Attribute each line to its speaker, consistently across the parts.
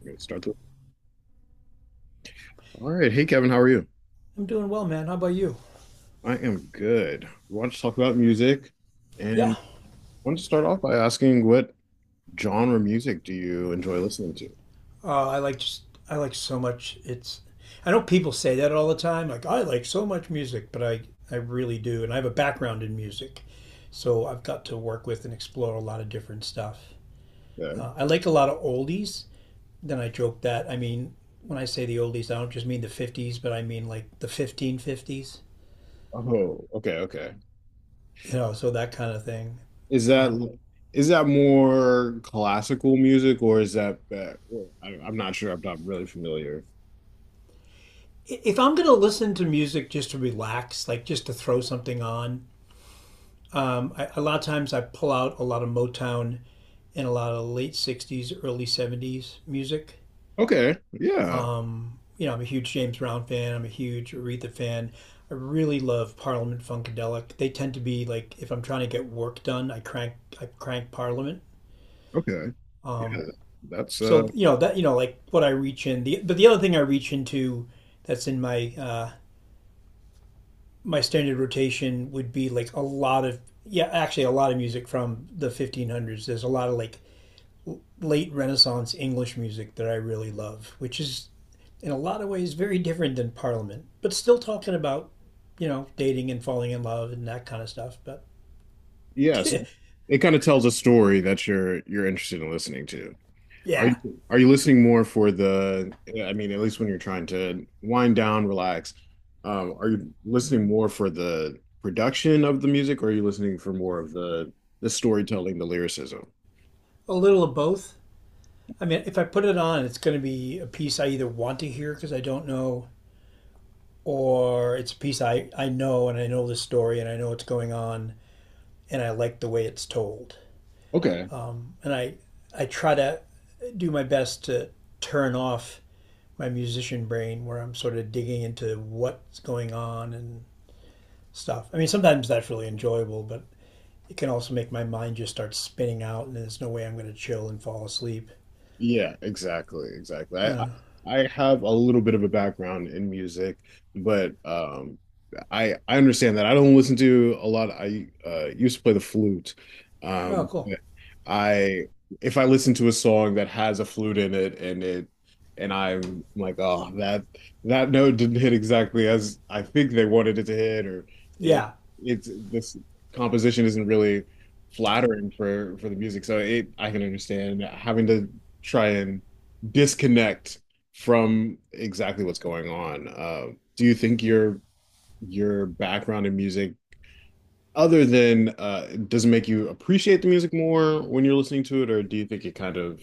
Speaker 1: We're gonna start the. All right. Hey, Kevin, how are you?
Speaker 2: I'm doing well, man. How about you?
Speaker 1: I am good. We want to talk about music
Speaker 2: Yeah.
Speaker 1: and want to start off by asking what genre music do you enjoy listening to?
Speaker 2: I like so much. It's I know people say that all the time. Like I like so much music, but I really do, and I have a background in music, so I've got to work with and explore a lot of different stuff.
Speaker 1: Okay.
Speaker 2: I like a lot of oldies. Then I joke that when I say the oldies, I don't just mean the '50s, but I mean like the 1550s.
Speaker 1: Oh, okay, okay.
Speaker 2: You know, so that kind of thing.
Speaker 1: Is that
Speaker 2: Um,
Speaker 1: is that more classical music or is that I'm not sure. I'm not really familiar.
Speaker 2: if I'm gonna listen to music just to relax, like just to throw something on, a lot of times I pull out a lot of Motown and a lot of late 60s, early 70s music.
Speaker 1: Okay. Yeah.
Speaker 2: You know, I'm a huge James Brown fan. I'm a huge Aretha fan. I really love Parliament Funkadelic. They tend to be like if I'm trying to get work done, I crank Parliament.
Speaker 1: Okay. Yeah.
Speaker 2: Um,
Speaker 1: That's
Speaker 2: so you know that you know like what I reach in the but the other thing I reach into that's in my my standard rotation would be like a lot of yeah actually a lot of music from the 1500s. There's a lot of like late Renaissance English music that I really love, which is in a lot of ways very different than Parliament, but still talking about, you know, dating and falling in love and that kind of stuff. But
Speaker 1: yes. It kind of tells a story that you're interested in listening to.
Speaker 2: yeah,
Speaker 1: Are you listening more for I mean, at least when you're trying to wind down, relax, are you listening more for the production of the music, or are you listening for more of the storytelling, the lyricism?
Speaker 2: a little of both. I mean, if I put it on, it's going to be a piece I either want to hear because I don't know, or it's a piece I know and I know the story and I know what's going on and I like the way it's told.
Speaker 1: Okay.
Speaker 2: And I, I try to do my best to turn off my musician brain where I'm sort of digging into what's going on and stuff. I mean, sometimes that's really enjoyable, but it can also make my mind just start spinning out and there's no way I'm going to chill and fall asleep.
Speaker 1: Yeah, exactly, exactly. I have a little bit of a background in music, but I understand that I don't listen to a lot. I used to play the flute.
Speaker 2: Oh, cool.
Speaker 1: But I if I listen to a song that has a flute in it and I'm like, oh, that note didn't hit exactly as I think they wanted it to hit, or it
Speaker 2: Yeah.
Speaker 1: it's this composition isn't really flattering for the music, so it I can understand having to try and disconnect from exactly what's going on. Do you think your background in music, other than does it make you appreciate the music more when you're listening to it, or do you think it kind of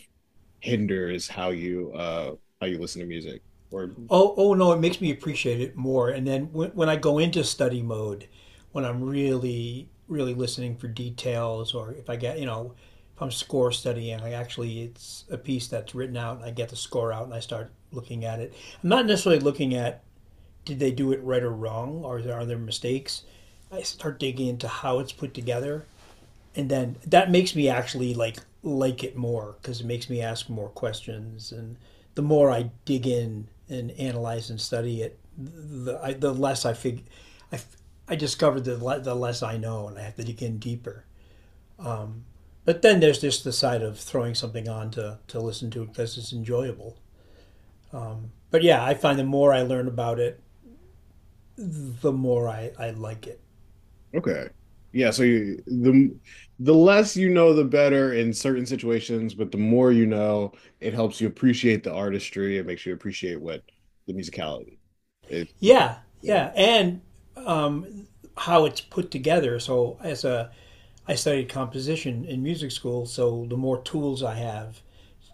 Speaker 1: hinders how you listen to music? Or
Speaker 2: Oh, no, it makes me appreciate it more. And then when I go into study mode, when I'm really, really listening for details, or if I get, you know, if I'm score studying, I actually, it's a piece that's written out and I get the score out and I start looking at it. I'm not necessarily looking at did they do it right or wrong, or are there mistakes? I start digging into how it's put together, and then that makes me actually like it more because it makes me ask more questions, and the more I dig in and analyze and study it, the less I fig, I discovered the less I know, and I have to dig in deeper. But then there's just the side of throwing something on to listen to it because it's enjoyable. But yeah, I find the more I learn about it, the more I like it.
Speaker 1: okay, yeah. So you, the less you know, the better in certain situations, but the more you know, it helps you appreciate the artistry. It makes you appreciate what the musicality is. It's kind
Speaker 2: Yeah,
Speaker 1: of
Speaker 2: yeah, and um, how it's put together. I studied composition in music school, so the more tools I have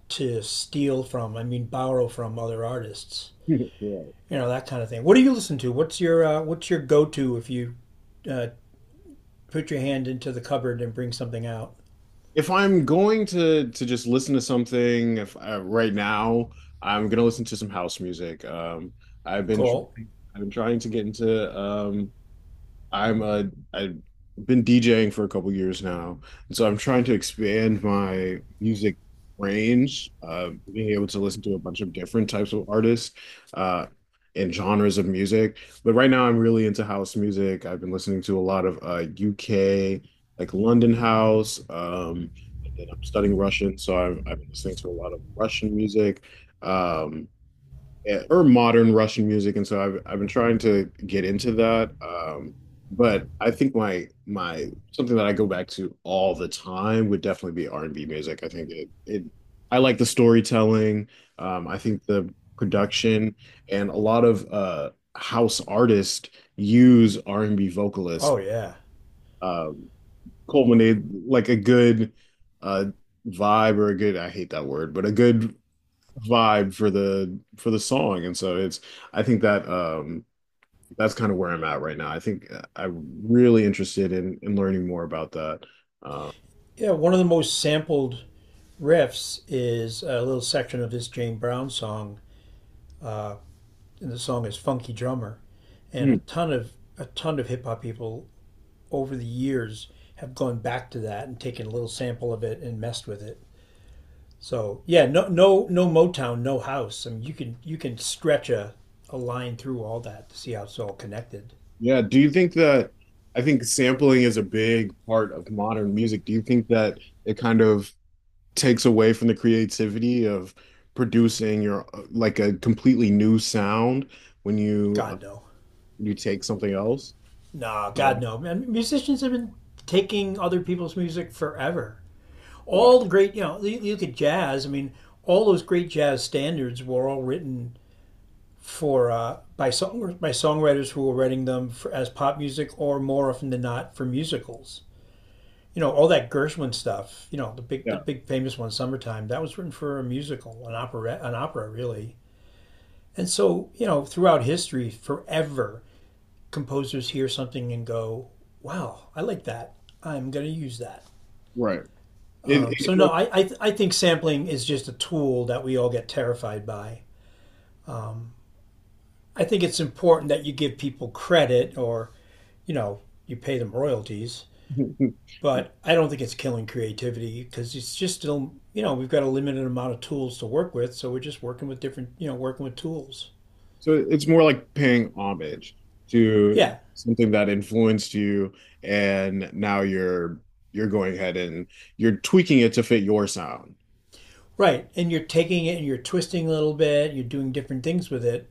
Speaker 2: to steal from, I mean borrow from other artists,
Speaker 1: Right.
Speaker 2: you know that kind of thing. What do you listen to? What's your go to if you uh, put your hand into the cupboard and bring something out?
Speaker 1: If I'm going to just listen to something, if right now I'm gonna listen to some house music. I've been tr-
Speaker 2: Cool.
Speaker 1: I've been trying to get into I'm a I've been DJing for a couple years now, and so I'm trying to expand my music range, being able to listen to a bunch of different types of artists, uh, and genres of music. But right now, I'm really into house music. I've been listening to a lot of UK, like London house. And then I'm studying Russian, so I've been listening to a lot of Russian music. Um, yeah, or modern Russian music, and so I've been trying to get into that. But I think my my something that I go back to all the time would definitely be R&B music. I like the storytelling. I think the production and a lot of house artists use R&B vocalists,
Speaker 2: Oh yeah,
Speaker 1: um, culminate like a good uh, vibe or a good, I hate that word, but a good vibe for the song. And so it's I think that that's kind of where I'm at right now. I think I'm really interested in learning more about that uh,
Speaker 2: yeah. One of the most sampled riffs is a little section of this Jane Brown song and the song is Funky Drummer. And
Speaker 1: mm.
Speaker 2: a ton of hip hop people over the years have gone back to that and taken a little sample of it and messed with it. So yeah, no Motown, no house. I mean you can stretch a line through all that to see how it's all connected.
Speaker 1: Yeah, do you think that, I think sampling is a big part of modern music. Do you think that it kind of takes away from the creativity of producing your like a completely new sound when you
Speaker 2: God no.
Speaker 1: you take something else?
Speaker 2: Nah,
Speaker 1: Yeah,
Speaker 2: God no. Man musicians have been taking other people's music forever.
Speaker 1: yeah,
Speaker 2: All the great you know, you look at jazz, I mean, all those great jazz standards were all written for by songwriters who were writing them for, as pop music or more often than not for musicals. You know all that Gershwin stuff. You know the
Speaker 1: yeah,
Speaker 2: big famous one, "Summertime." That was written for a musical, an opera really. And so you know throughout history, forever composers hear something and go, "Wow, I like that. I'm going to use that."
Speaker 1: right, it,
Speaker 2: No,
Speaker 1: it
Speaker 2: I think sampling is just a tool that we all get terrified by. I think it's important that you give people credit or, you know, you pay them royalties, but I don't think it's killing creativity because it's just still, you know, we've got a limited amount of tools to work with, so we're just working with different, you know, working with tools.
Speaker 1: So it's more like paying homage to
Speaker 2: Yeah,
Speaker 1: something that influenced you, and now you're going ahead and you're tweaking it to fit your sound.
Speaker 2: right. And you're taking it and you're twisting a little bit, you're doing different things with it.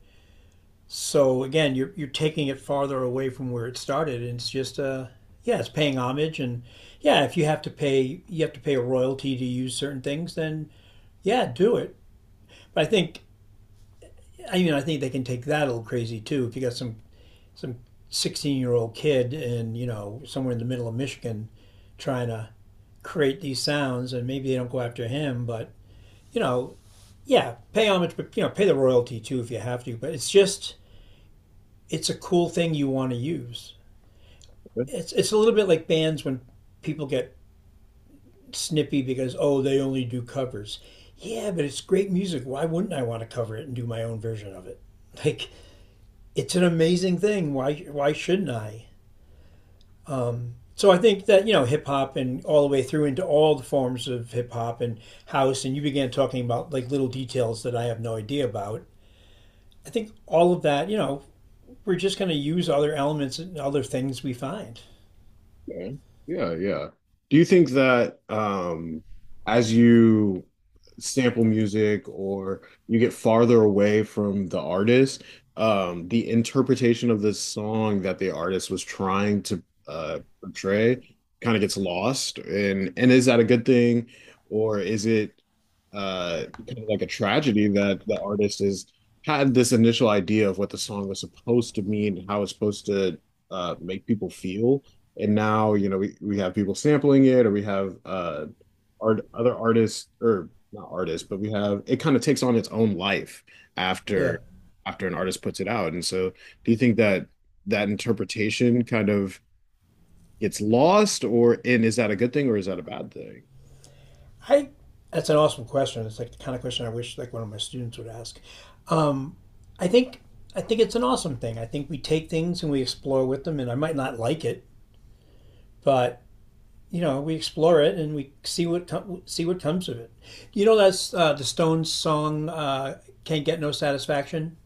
Speaker 2: So again, you're taking it farther away from where it started and it's just yeah, it's paying homage and yeah, if you have to pay you have to pay a royalty to use certain things, then yeah, do it. But I think I mean I think they can take that a little crazy too. If you got some 16-year old kid and you know somewhere in the middle of Michigan trying to create these sounds, and maybe they don't go after him, but you know yeah, pay homage, but you know pay the royalty too if you have to. But it's just it's a cool thing you want to use. It's a little bit like bands when people get snippy because oh they only do covers. Yeah, but it's great music. Why wouldn't I want to cover it and do my own version of it? Like it's an amazing thing. Why shouldn't I? So I think that you know hip hop and all the way through into all the forms of hip hop and house and you began talking about like little details that I have no idea about. I think all of that, you know, we're just going to use other elements and other things we find.
Speaker 1: Okay. Yeah, yeah. Do you think that as you sample music or you get farther away from the artist, the interpretation of the song that the artist was trying to portray kind of gets lost? And is that a good thing, or is it kind of like a tragedy that the artist has had this initial idea of what the song was supposed to mean, how it's supposed to make people feel? And now, you know, we have people sampling it, or we have art other artists, or not artists, but we have, it kind of takes on its own life
Speaker 2: Yeah.
Speaker 1: after an artist puts it out. And so do you think that that interpretation kind of gets lost? Or and is that a good thing or is that a bad thing?
Speaker 2: I that's an awesome question. It's like the kind of question I wish like one of my students would ask. Um, I think I think it's an awesome thing. I think we take things and we explore with them and I might not like it, but you know we explore it and we see what comes of it. You know that's the Stones song "Can't Get No Satisfaction."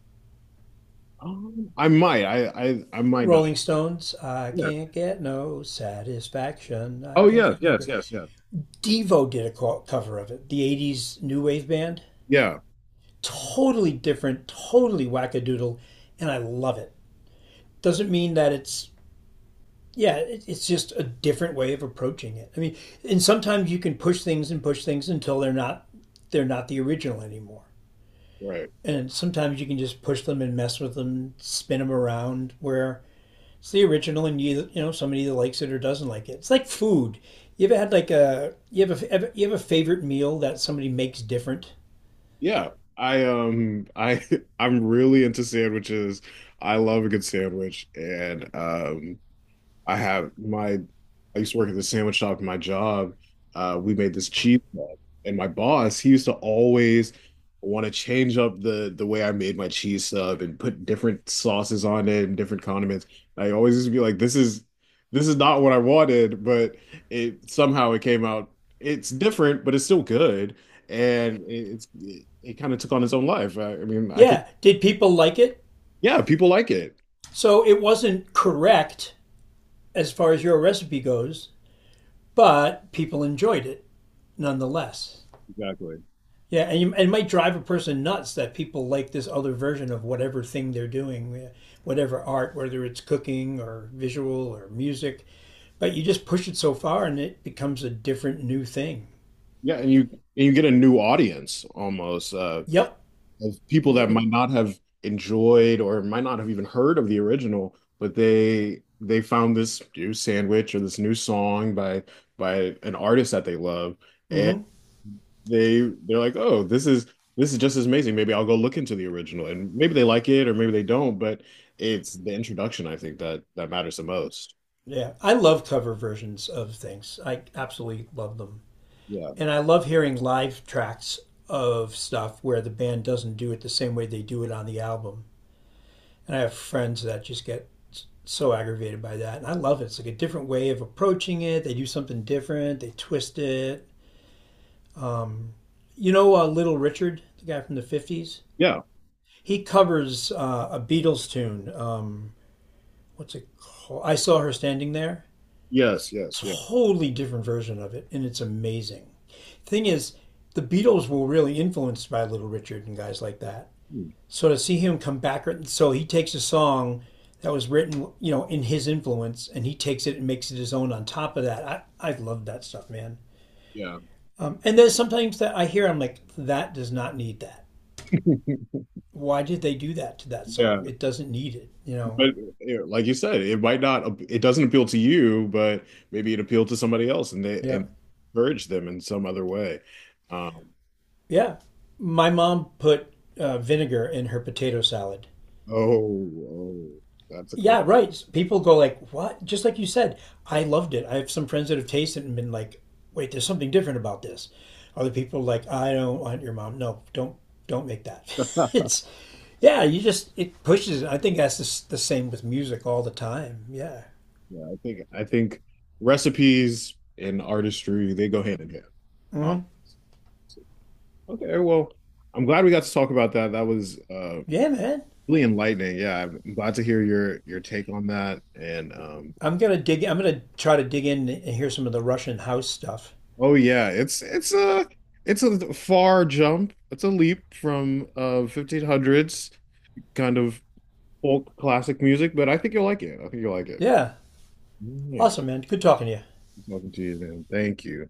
Speaker 1: I I might know it.
Speaker 2: Rolling Stones, I
Speaker 1: Yeah,
Speaker 2: can't get no satisfaction. I
Speaker 1: oh
Speaker 2: can't
Speaker 1: yeah,
Speaker 2: get no.
Speaker 1: yes,
Speaker 2: gr-"
Speaker 1: yes, yeah,
Speaker 2: Devo did a cover of it, the '80s new wave band.
Speaker 1: yeah,
Speaker 2: Totally different, totally wackadoodle, and I love it. Doesn't mean that it's yeah, it's just a different way of approaching it. I mean, and sometimes you can push things and push things until they're not the original anymore.
Speaker 1: right.
Speaker 2: And sometimes you can just push them and mess with them, spin them around. Where it's the original, and you know somebody either likes it or doesn't like it. It's like food. You ever had like a you have a favorite meal that somebody makes different?
Speaker 1: Yeah, I I'm really into sandwiches. I love a good sandwich, and I have my I used to work at the sandwich shop in my job. We made this cheese sub, and my boss, he used to always want to change up the way I made my cheese sub and put different sauces on it and different condiments. I always used to be like, this is, this is not what I wanted, but it somehow it came out. It's different, but it's still good, and it kind of took on its own life. I mean, I could,
Speaker 2: Yeah. Did people like it?
Speaker 1: yeah, people like it.
Speaker 2: So it wasn't correct as far as your recipe goes, but people enjoyed it nonetheless.
Speaker 1: Exactly.
Speaker 2: Yeah, and you, it might drive a person nuts that people like this other version of whatever thing they're doing, yeah, whatever art, whether it's cooking or visual or music. But you just push it so far and it becomes a different new thing.
Speaker 1: Yeah, and you get a new audience almost.
Speaker 2: Yep,
Speaker 1: Of people that
Speaker 2: yep.
Speaker 1: might not have enjoyed or might not have even heard of the original, but they found this new sandwich or this new song by an artist that they love, and
Speaker 2: Mm-hmm.
Speaker 1: they're like, oh, this is just as amazing. Maybe I'll go look into the original, and maybe they like it or maybe they don't, but it's the introduction, I think, that that matters the most.
Speaker 2: Yeah, I love cover versions of things. I absolutely love them.
Speaker 1: Yeah,
Speaker 2: And I love hearing live tracks of stuff where the band doesn't do it the same way they do it on the album. And I have friends that just get so aggravated by that. And I love it. It's like a different way of approaching it. They do something different, they twist it. You know, Little Richard, the guy from the 50s?
Speaker 1: yeah,
Speaker 2: He covers a Beatles tune. What's it called? I Saw Her Standing There.
Speaker 1: yes, yes, yeah.
Speaker 2: Totally different version of it. And it's amazing. Thing is, the Beatles were really influenced by Little Richard and guys like that.
Speaker 1: Hmm.
Speaker 2: So to see him come back, so he takes a song that was written, you know, in his influence, and he takes it and makes it his own. On top of that, I love that stuff, man.
Speaker 1: Yeah,
Speaker 2: And there's sometimes that I hear, I'm like, that does not need that. Why did they do that to that
Speaker 1: yeah.
Speaker 2: song? It doesn't need it, you know.
Speaker 1: But you know, like you said, it might not, it doesn't appeal to you, but maybe it appealed to somebody else, and they
Speaker 2: Yeah,
Speaker 1: and encouraged them in some other way. Um,
Speaker 2: yeah. My mom put vinegar in her potato salad.
Speaker 1: oh, oh, that's a crime.
Speaker 2: Yeah, right. People go like, "What?" Just like you said, I loved it. I have some friends that have tasted it and been like, "Wait, there's something different about this." Other people like, "I don't want your mom. No, don't make that." it's yeah, you just it pushes it. I think that's the same with music all the time. Yeah.
Speaker 1: Yeah, I think, I think recipes and artistry, they go hand in hand,
Speaker 2: Hmm.
Speaker 1: obviously. Okay, well, I'm glad we got to talk about that. That was
Speaker 2: Yeah, man.
Speaker 1: really enlightening. Yeah, I'm glad to hear your take on that. And
Speaker 2: I'm gonna dig. I'm gonna try to dig in and hear some of the Russian house stuff.
Speaker 1: oh yeah, it's a far jump. It's a leap from 1500s kind of folk classic music, but I think you'll like it. I think you'll like it.
Speaker 2: Yeah,
Speaker 1: Yeah,
Speaker 2: awesome, man. Good talking to you.
Speaker 1: talking to you, man. Thank you.